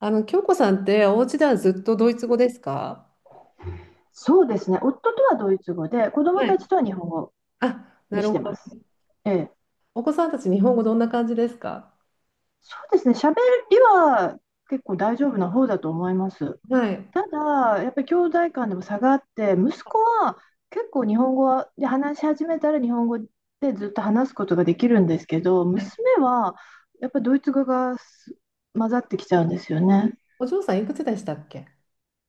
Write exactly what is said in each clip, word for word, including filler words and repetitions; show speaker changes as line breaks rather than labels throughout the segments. あの、京子さんって、お家ではずっとドイツ語ですか？
そうですね、夫とはドイツ語で、子供
はい。
たちとは日本語
あ、な
に
る
して
ほ
ます。
ど。
ええ、
お子さんたち、日本語どんな感じですか？
そうですね、喋りは結構大丈夫な方だと思います。
はい。
ただ、やっぱり兄弟間でも差があって、息子は結構日本語で話し始めたら日本語でずっと話すことができるんですけど、
は
娘
い。
はやっぱりドイツ語がす混ざってきちゃうんですよね。
お嬢さん、いくつでしたっけ？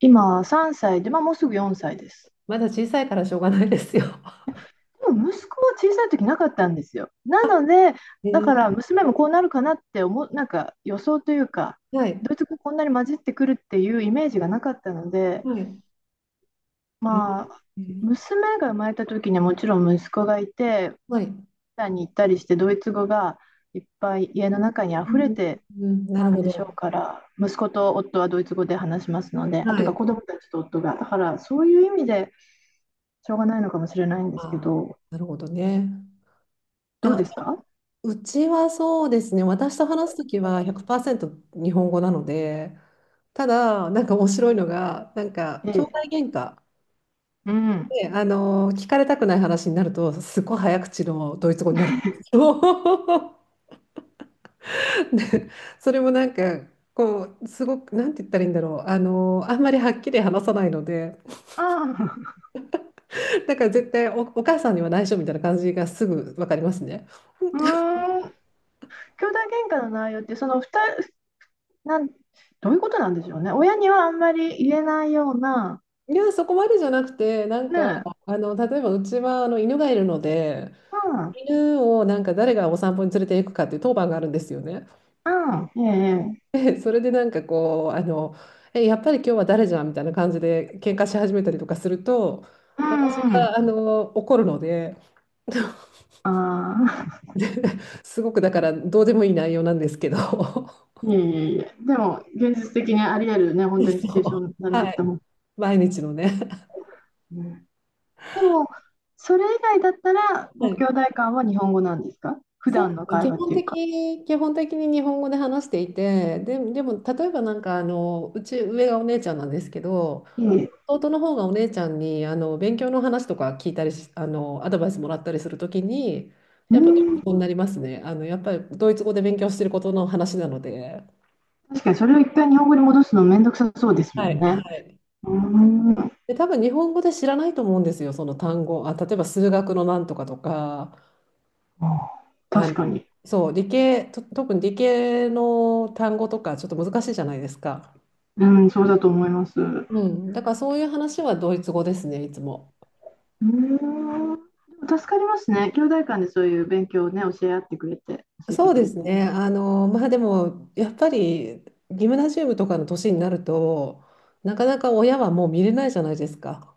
今さんさいで、まあ、もうすぐよんさいです。
まだ小さいからしょうがないですよ。
でも息子は小さい時なかったんですよ。なので、
え
だ
ー、
から娘もこうなるかなって思う、なんか予想というか、
はい。
ドイツ語こんなに混じってくるっていうイメージがなかったので、
はい。え
まあ、
ー、
娘が生まれた時にはもちろん息子がいて、
はい。う
タに行ったりして、ドイツ語がいっぱい家の中に溢れ
ん、
て
うんな
た
る
ん
ほ
でしょう
ど。
から、息子と夫はドイツ語で話しますので、あ、という
は
か
い。
子供たちと夫が、だからそういう意味でしょうがないのかもしれないんですけ
あ
ど、
ー、なるほどね。
どう
あ、あ
ですか？
うちはそうですね。私と話すときはひゃくパーセント日本語なので、ただ、なんか面白いのが、なんか、
え
兄弟
え、
喧嘩。
うん。
ね、あの聞かれたくない話になるとすごい早口のドイツ語になるんですよ。で、それもなんかこうすごくなんて言ったらいいんだろう、あのあんまりはっきり話さないので、
ああ、
だから絶対お、お母さんには内緒みたいな感じがすぐ分かりますね。
うーん、兄弟喧嘩の内容って、その二人、なん、どういうことなんでしょうね。親にはあんまり言えないような、
いや、そこまでじゃなくてなん
ね
か
え、
あの例えばうちはあの犬がいるので、
うん、
犬をなんか誰がお散歩に連れて行くかっていう当番があるんですよね。
うん、ええ、
それでなんかこう、あの、え、やっぱり今日は誰じゃんみたいな感じで喧嘩し始めたりとかすると、
ええ
私
うんう
が
ん、
あの怒るので、
ああ、
すごくだからどうでもいい内容なんですけど、そ
いえいえいえ、でも、現実的にあり得るね、
う。
本当にシチュエーションだなっ
は
て
い、
思う。
毎日のね。
うん。でも、それ以外だったら、ご
はい、
兄弟間は日本語なんですか？普
そ
段の
う
会
基
話っ
本
ていうか。
的、基本的に日本語で話していて、で、でも例えばなんかあのうち上がお姉ちゃんなんですけど、
ええ、
弟の方がお姉ちゃんにあの勉強の話とか聞いたりしあのアドバイスもらったりするときに
う
やっぱドイツ
ん、
語になりますね。あのやっぱりドイツ語で勉強してることの話なので。
確かにそれを一回日本語に戻すのめんどくさそうですも
はい、
んね。
はい。
うん。
で多分日本語で知らないと思うんですよ、その単語。あ、例えば数学のなんとかとか、
あー
あ
確か
の
に。
そう理系と特に理系の単語とかちょっと難しいじゃないですか。
うん、そうだと思います。う
うん、だからそういう話はドイツ語ですね、いつも。
ーん。でも助かりますね。兄弟間でそういう勉強をね、教え合ってくれて、教えて
そう
く
で
れて。
すね。あの、まあでも、やっぱり、ギムナジウムとかの年になると、なかなか親はもう見れないじゃないですか。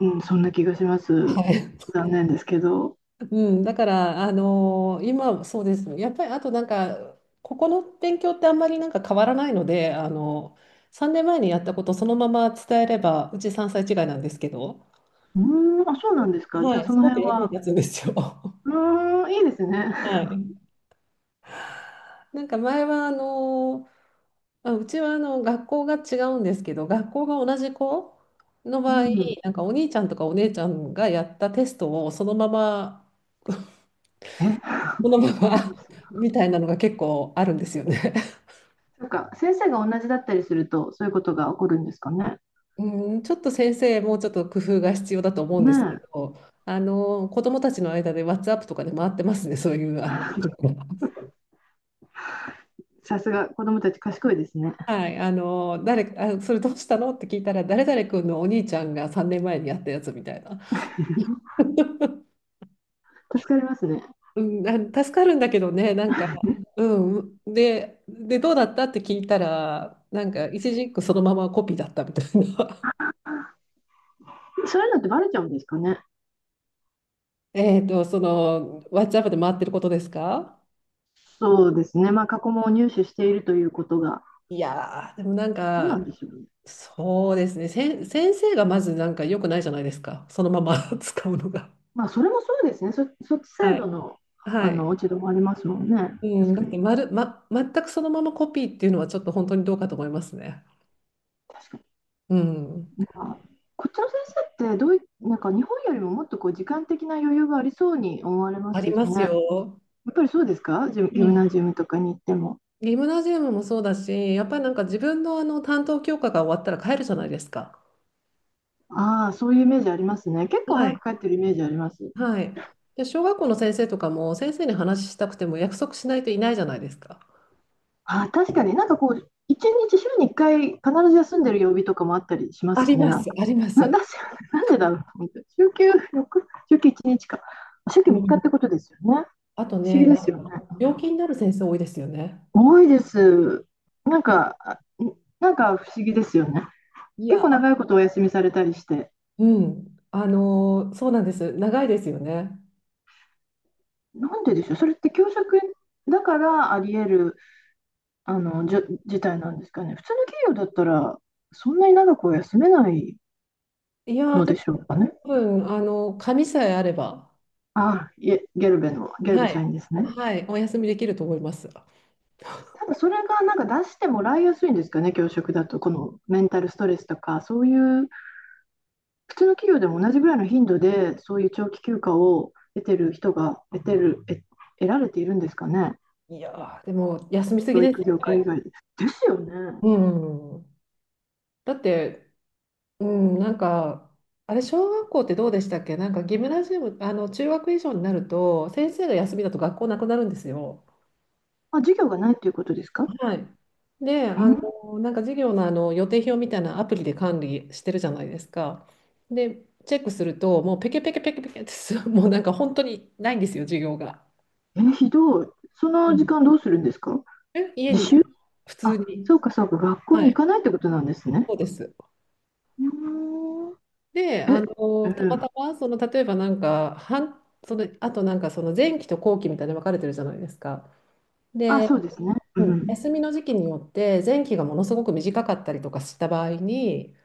うん、そんな気がしま
は
す。
い。
残念ですけど。
うん、だから、あの今、そうですね。やっぱり、あとなんか、ここの勉強ってあんまりなんか変わらないので、あの、さんねんまえにやったことそのまま伝えれば、うちさんさい違いなんですけど、
うーん、あ、そうなんですか。じ
は
ゃあ
い。
そ
す
の
ごく
辺
役に
は。
立つんですよ。は
うーん、いいですね。
い。なんか前はあのあ、うちはあの学校が違うんですけど、学校が同じ子の
う
場合、
ん。
なんかお兄ちゃんとかお姉ちゃんがやったテストをそのまま、
え、
そのま
あるん
ま
ですね。
みたいなのが結構あるんですよね。
そうか、先生が同じだったりすると、そういうことが起こるんですかね。
うん、ちょっと先生、もうちょっと工夫が必要だと思うん
ね
ですけ
え、
ど、あの子どもたちの間で WhatsApp とかで回ってますね、そういうあの記録が。
さすが子供たち賢いですね。
はい、あの誰あ、それどうしたのって聞いたら、誰々君のお兄ちゃんがさんねんまえにやったやつみたいな。
助かりますね。
うん、あ、助かるんだけどね、なんか、うん、で、で、どうだったって聞いたら、なんか、一字一句そのままコピーだったみたいな。
そういうのってバレちゃうんですかね。
えっと、その、ワッチアップで回ってることですか？
そうですね、まあ、過去問を入手しているということが、
いやー、でもなん
どうなん
か、
でしょうね。
そうですね、せん、先生がまずなんか良くないじゃないですか、そのまま 使うのが。
まあ、それもそうですね、そそっちサ
は
イド
い。
の
は
あ
い。
の落ち度もありますもんね、
う
確
ん、だ
か
って
に。
まる、ま、全くそのままコピーっていうのはちょっと本当にどうかと思いますね。
確か
うん。
にまあ、こっちの先生ってどうい、なんか日本よりももっとこう時間的な余裕がありそうに思われま
あ
す
り
け
ま
ど
す
ね、や
よ。
っぱりそうですか、ジムギ
う
ム
ん。
ナジウムとかに行っても。
ギムナジウムもそうだし、やっぱりなんか自分のあの担当教科が終わったら帰るじゃないですか。
ああ、そういうイメージありますね。結構
は
早
い。
く帰ってるイメージあります。
はい。で、小学校の先生とかも先生に話したくても約束しないといないじゃないですか。
あ、確かになんかこう、一日週に一回必ず休んでる曜日とかもあったりしま
あり
すね、
ま
なん
す、
か。
ありま
な、
す。
なんでなんでだろうと思って。週休よっか、週休いちにちか。週休
う
みっかっ
ん、
てことですよね。
あと
不思議
ね、な
で
ん
すよね。
か病気になる先生多いですよね。
多いです。なんか、あ、なんか不思議ですよね。
い
結
や、
構長いことお休みされたりして。
うん、あのーそうなんです。長いですよね。
なんででしょう。それって教職だからあり得る、あの、じょ事態なんですかね。普通の企業だったら、そんなに長くは休めない
いやー、
の
で
でしょう
も、
かね。
多分、あのー、紙さえあれば、
ああ、いえ、ゲルベの、ゲル
は
ベ社
い、
員ですね。
はい、お休みできると思います。
ただそれがなんか出してもらいやすいんですかね、教職だと、このメンタルストレスとか、そういう普通の企業でも同じぐらいの頻度で、そういう長期休暇を得てる人が得てる、え、得られているんですかね、
いやー、でも、休みすぎ
教
です
育
よ
業界以
ね。
外で。ですよね。
うん。だって、うん、なんか、あれ、小学校ってどうでしたっけ？なんか、ギムナジウム、あの、中学以上になると、先生が休みだと学校なくなるんですよ。
あ、授業がないっていうことですか？
はい。で、あ
う
の、なんか授業の、あの予定表みたいなアプリで管理してるじゃないですか。で、チェックすると、もうペケペケペケペケってす、もうなんか本当にないんですよ、授業が。
ん。え、ひどい。そ
う
の時
ん。
間どうするんですか？
え、家
自
に、
習。
普通
あ、
に。
そうかそうか、学校
は
に行
い、
かないってことなんですね。
そうです。
うーん。
で、あ
え、う
の、たま
ん。
たま、その、例えばなんか、半、その、あとなんか、その前期と後期みたいに分かれてるじゃないですか。
あ、
で、
そうですね。う
うん、
ん。
休みの時期によって、前期がものすごく短かったりとかした場合に、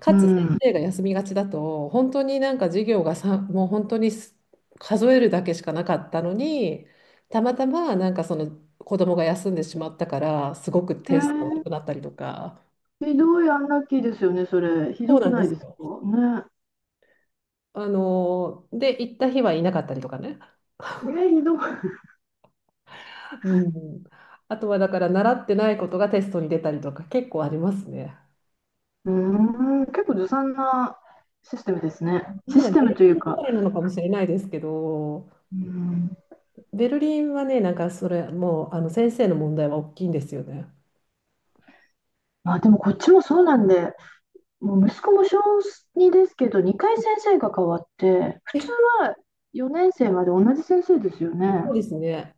か
う
つ先
ん。
生が休みがちだと、本当になんか授業がさ、もう本当にす数えるだけしかなかったのに、たまたまなんかその子供が休んでしまったから、すごく
え
点数が悪
ー、
くなったりとか。
ひどいアンラッキーですよね、それ。ひ
そ
ど
うな
く
ん
な
で
い
す
ですか
よ。
ね。
あの、で、行った日はいなかったりとかね。
えー、ひどい。
うん、あとはだから習ってないことがテストに出たりとか結構ありますね。
うーん、結構ずさんなシステムですね。
なん
シ
だ
ステ
ベ
ム
ル
とい
リン
う
だ
か、
からなのかもしれないですけど、
うーん、
ベルリンはね、なんかそれもうあの先生の問題は大きいんですよね。
まあでもこっちもそうなんで、もう息子も小にですけど、にかい先生が変わって、普通
え、
はよねん生まで同じ先生ですよ
そ
ね。
うですね。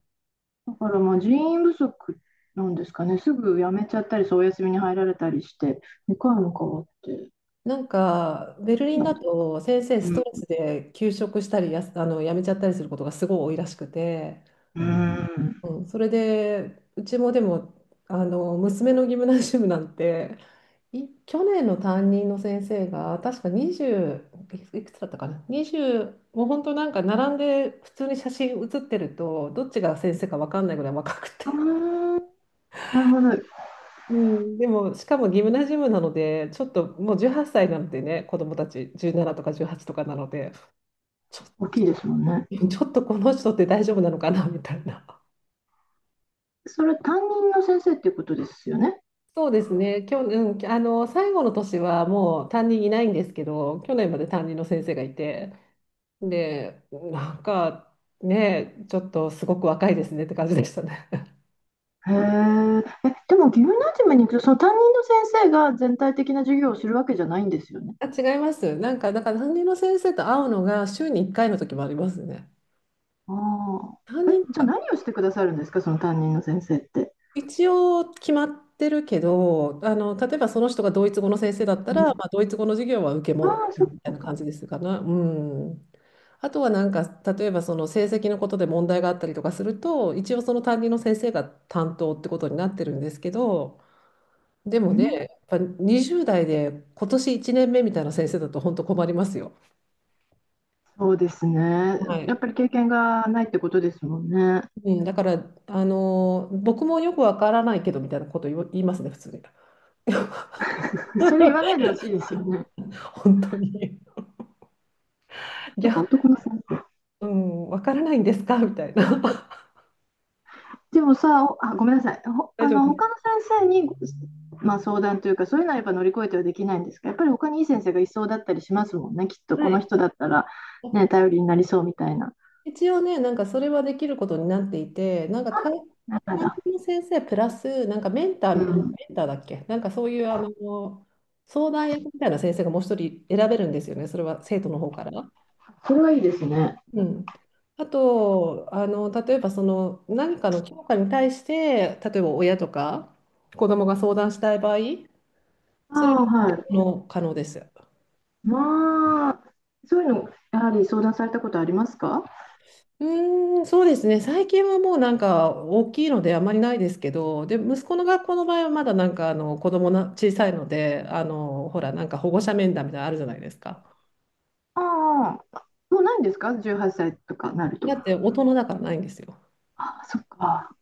だからまあ人員不足なんですかね、すぐ辞めちゃったり、そうお休みに入られたりして、にかいも変わって、
なんかベルリン
な
だ
んで、
と先生ス
う
ト
ん、
レスで休職したりやす、あの辞めちゃったりすることがすごい多いらしくて、
うーん。
うん、それでうちもでもあの娘のギムナジウムなんてい去年の担任の先生が確かにじゅういくいくつだったかな、にじゅう、もう本当なんか並んで普通に写真写ってるとどっちが先生か分かんないぐらい若くて、
ああ、なるほど。
うん、でもしかもギムナジウムなのでちょっともうじゅうはっさいなのでね子供たちじゅうななとかじゅうはちとかなのでちょっと
大きいですもんね。
ちょっとこの人って大丈夫なのかなみたいな。
それ担任の先生っていうことですよね。
そうですね、去年、うん、あの最後の年はもう担任いないんですけど去年まで担任の先生がいて、で、なんかね、ちょっとすごく若いですねって感じでしたね。
へえ。え、でもギムナジウムに行くと、その担任の先生が全体的な授業をするわけじゃないんですよね。
あ、違います。なんか、だから担任の先生と会うのが週にいっかいの時もありますね。
あ
担
あ。え、
任
じゃあ
は
何をしてくださるんですか、その担任の先生って。
一応決まってるけど、あの、例えばその人がドイツ語の先生だった
う
ら、
ん、
まあ、ドイツ語の授業は受け
あ
も
あ、そ
みたい
っ
な感
か。
じですかね。うん。あとはなんか、例えばその成績のことで問題があったりとかすると、一応その担任の先生が担当ってことになってるんですけど、で
う
もね、
ん、
やっぱにじゅう代で今年いちねんめみたいな先生だと本当困りますよ。
そうですね。
は
や
い。
っぱり経験がないってことですもんね。
うん、だから、あのー僕もよくわからないけどみたいなこと言わ言いますね、普通に。
それ言わな いでほしいですよね。
本当に。い
なんか
や、
男の先生。
うん、わからないんですかみたいな。
でもさ、おあ、ごめんなさい。ほ、
大
あ
丈夫
の、
で
他の
す。
先生に、ごまあ、相談というか、そういうのはやっぱ乗り越えてはできないんですが、やっぱり他にいい先生がいそうだったりしますもんね。きっと
は
この
い。
人だったら、ね、頼りになりそうみたいな。
一応ね、なんかそれはできることになっていて、なんか
あ、
担
な
担
る
任の先生プラス、なんかメンター、
ほど。うん。
メンターだっけ、なんかそういうあの相談役みたいな先生がもう一人選べるんですよね、それは生徒の方から。
それはいいですね。
うん、あとあの、例えばその何かの教科に対して、例えば親とか子供が相談したい場合、それ
あ
は
あ、
可
はい。
能可能です。
まあ、そういうの、やはり相談されたことありますか？
うーん、そうですね。最近はもうなんか大きいのであまりないですけど、で、息子の学校の場合はまだなんかあの子供な小さいので、あの、ほら、なんか保護者面談みたいなのあるじゃないですか。
ああ、もうないんですか？ じゅうはち 歳とかなると。
だって大人だからないんですよ。
あ、そっか。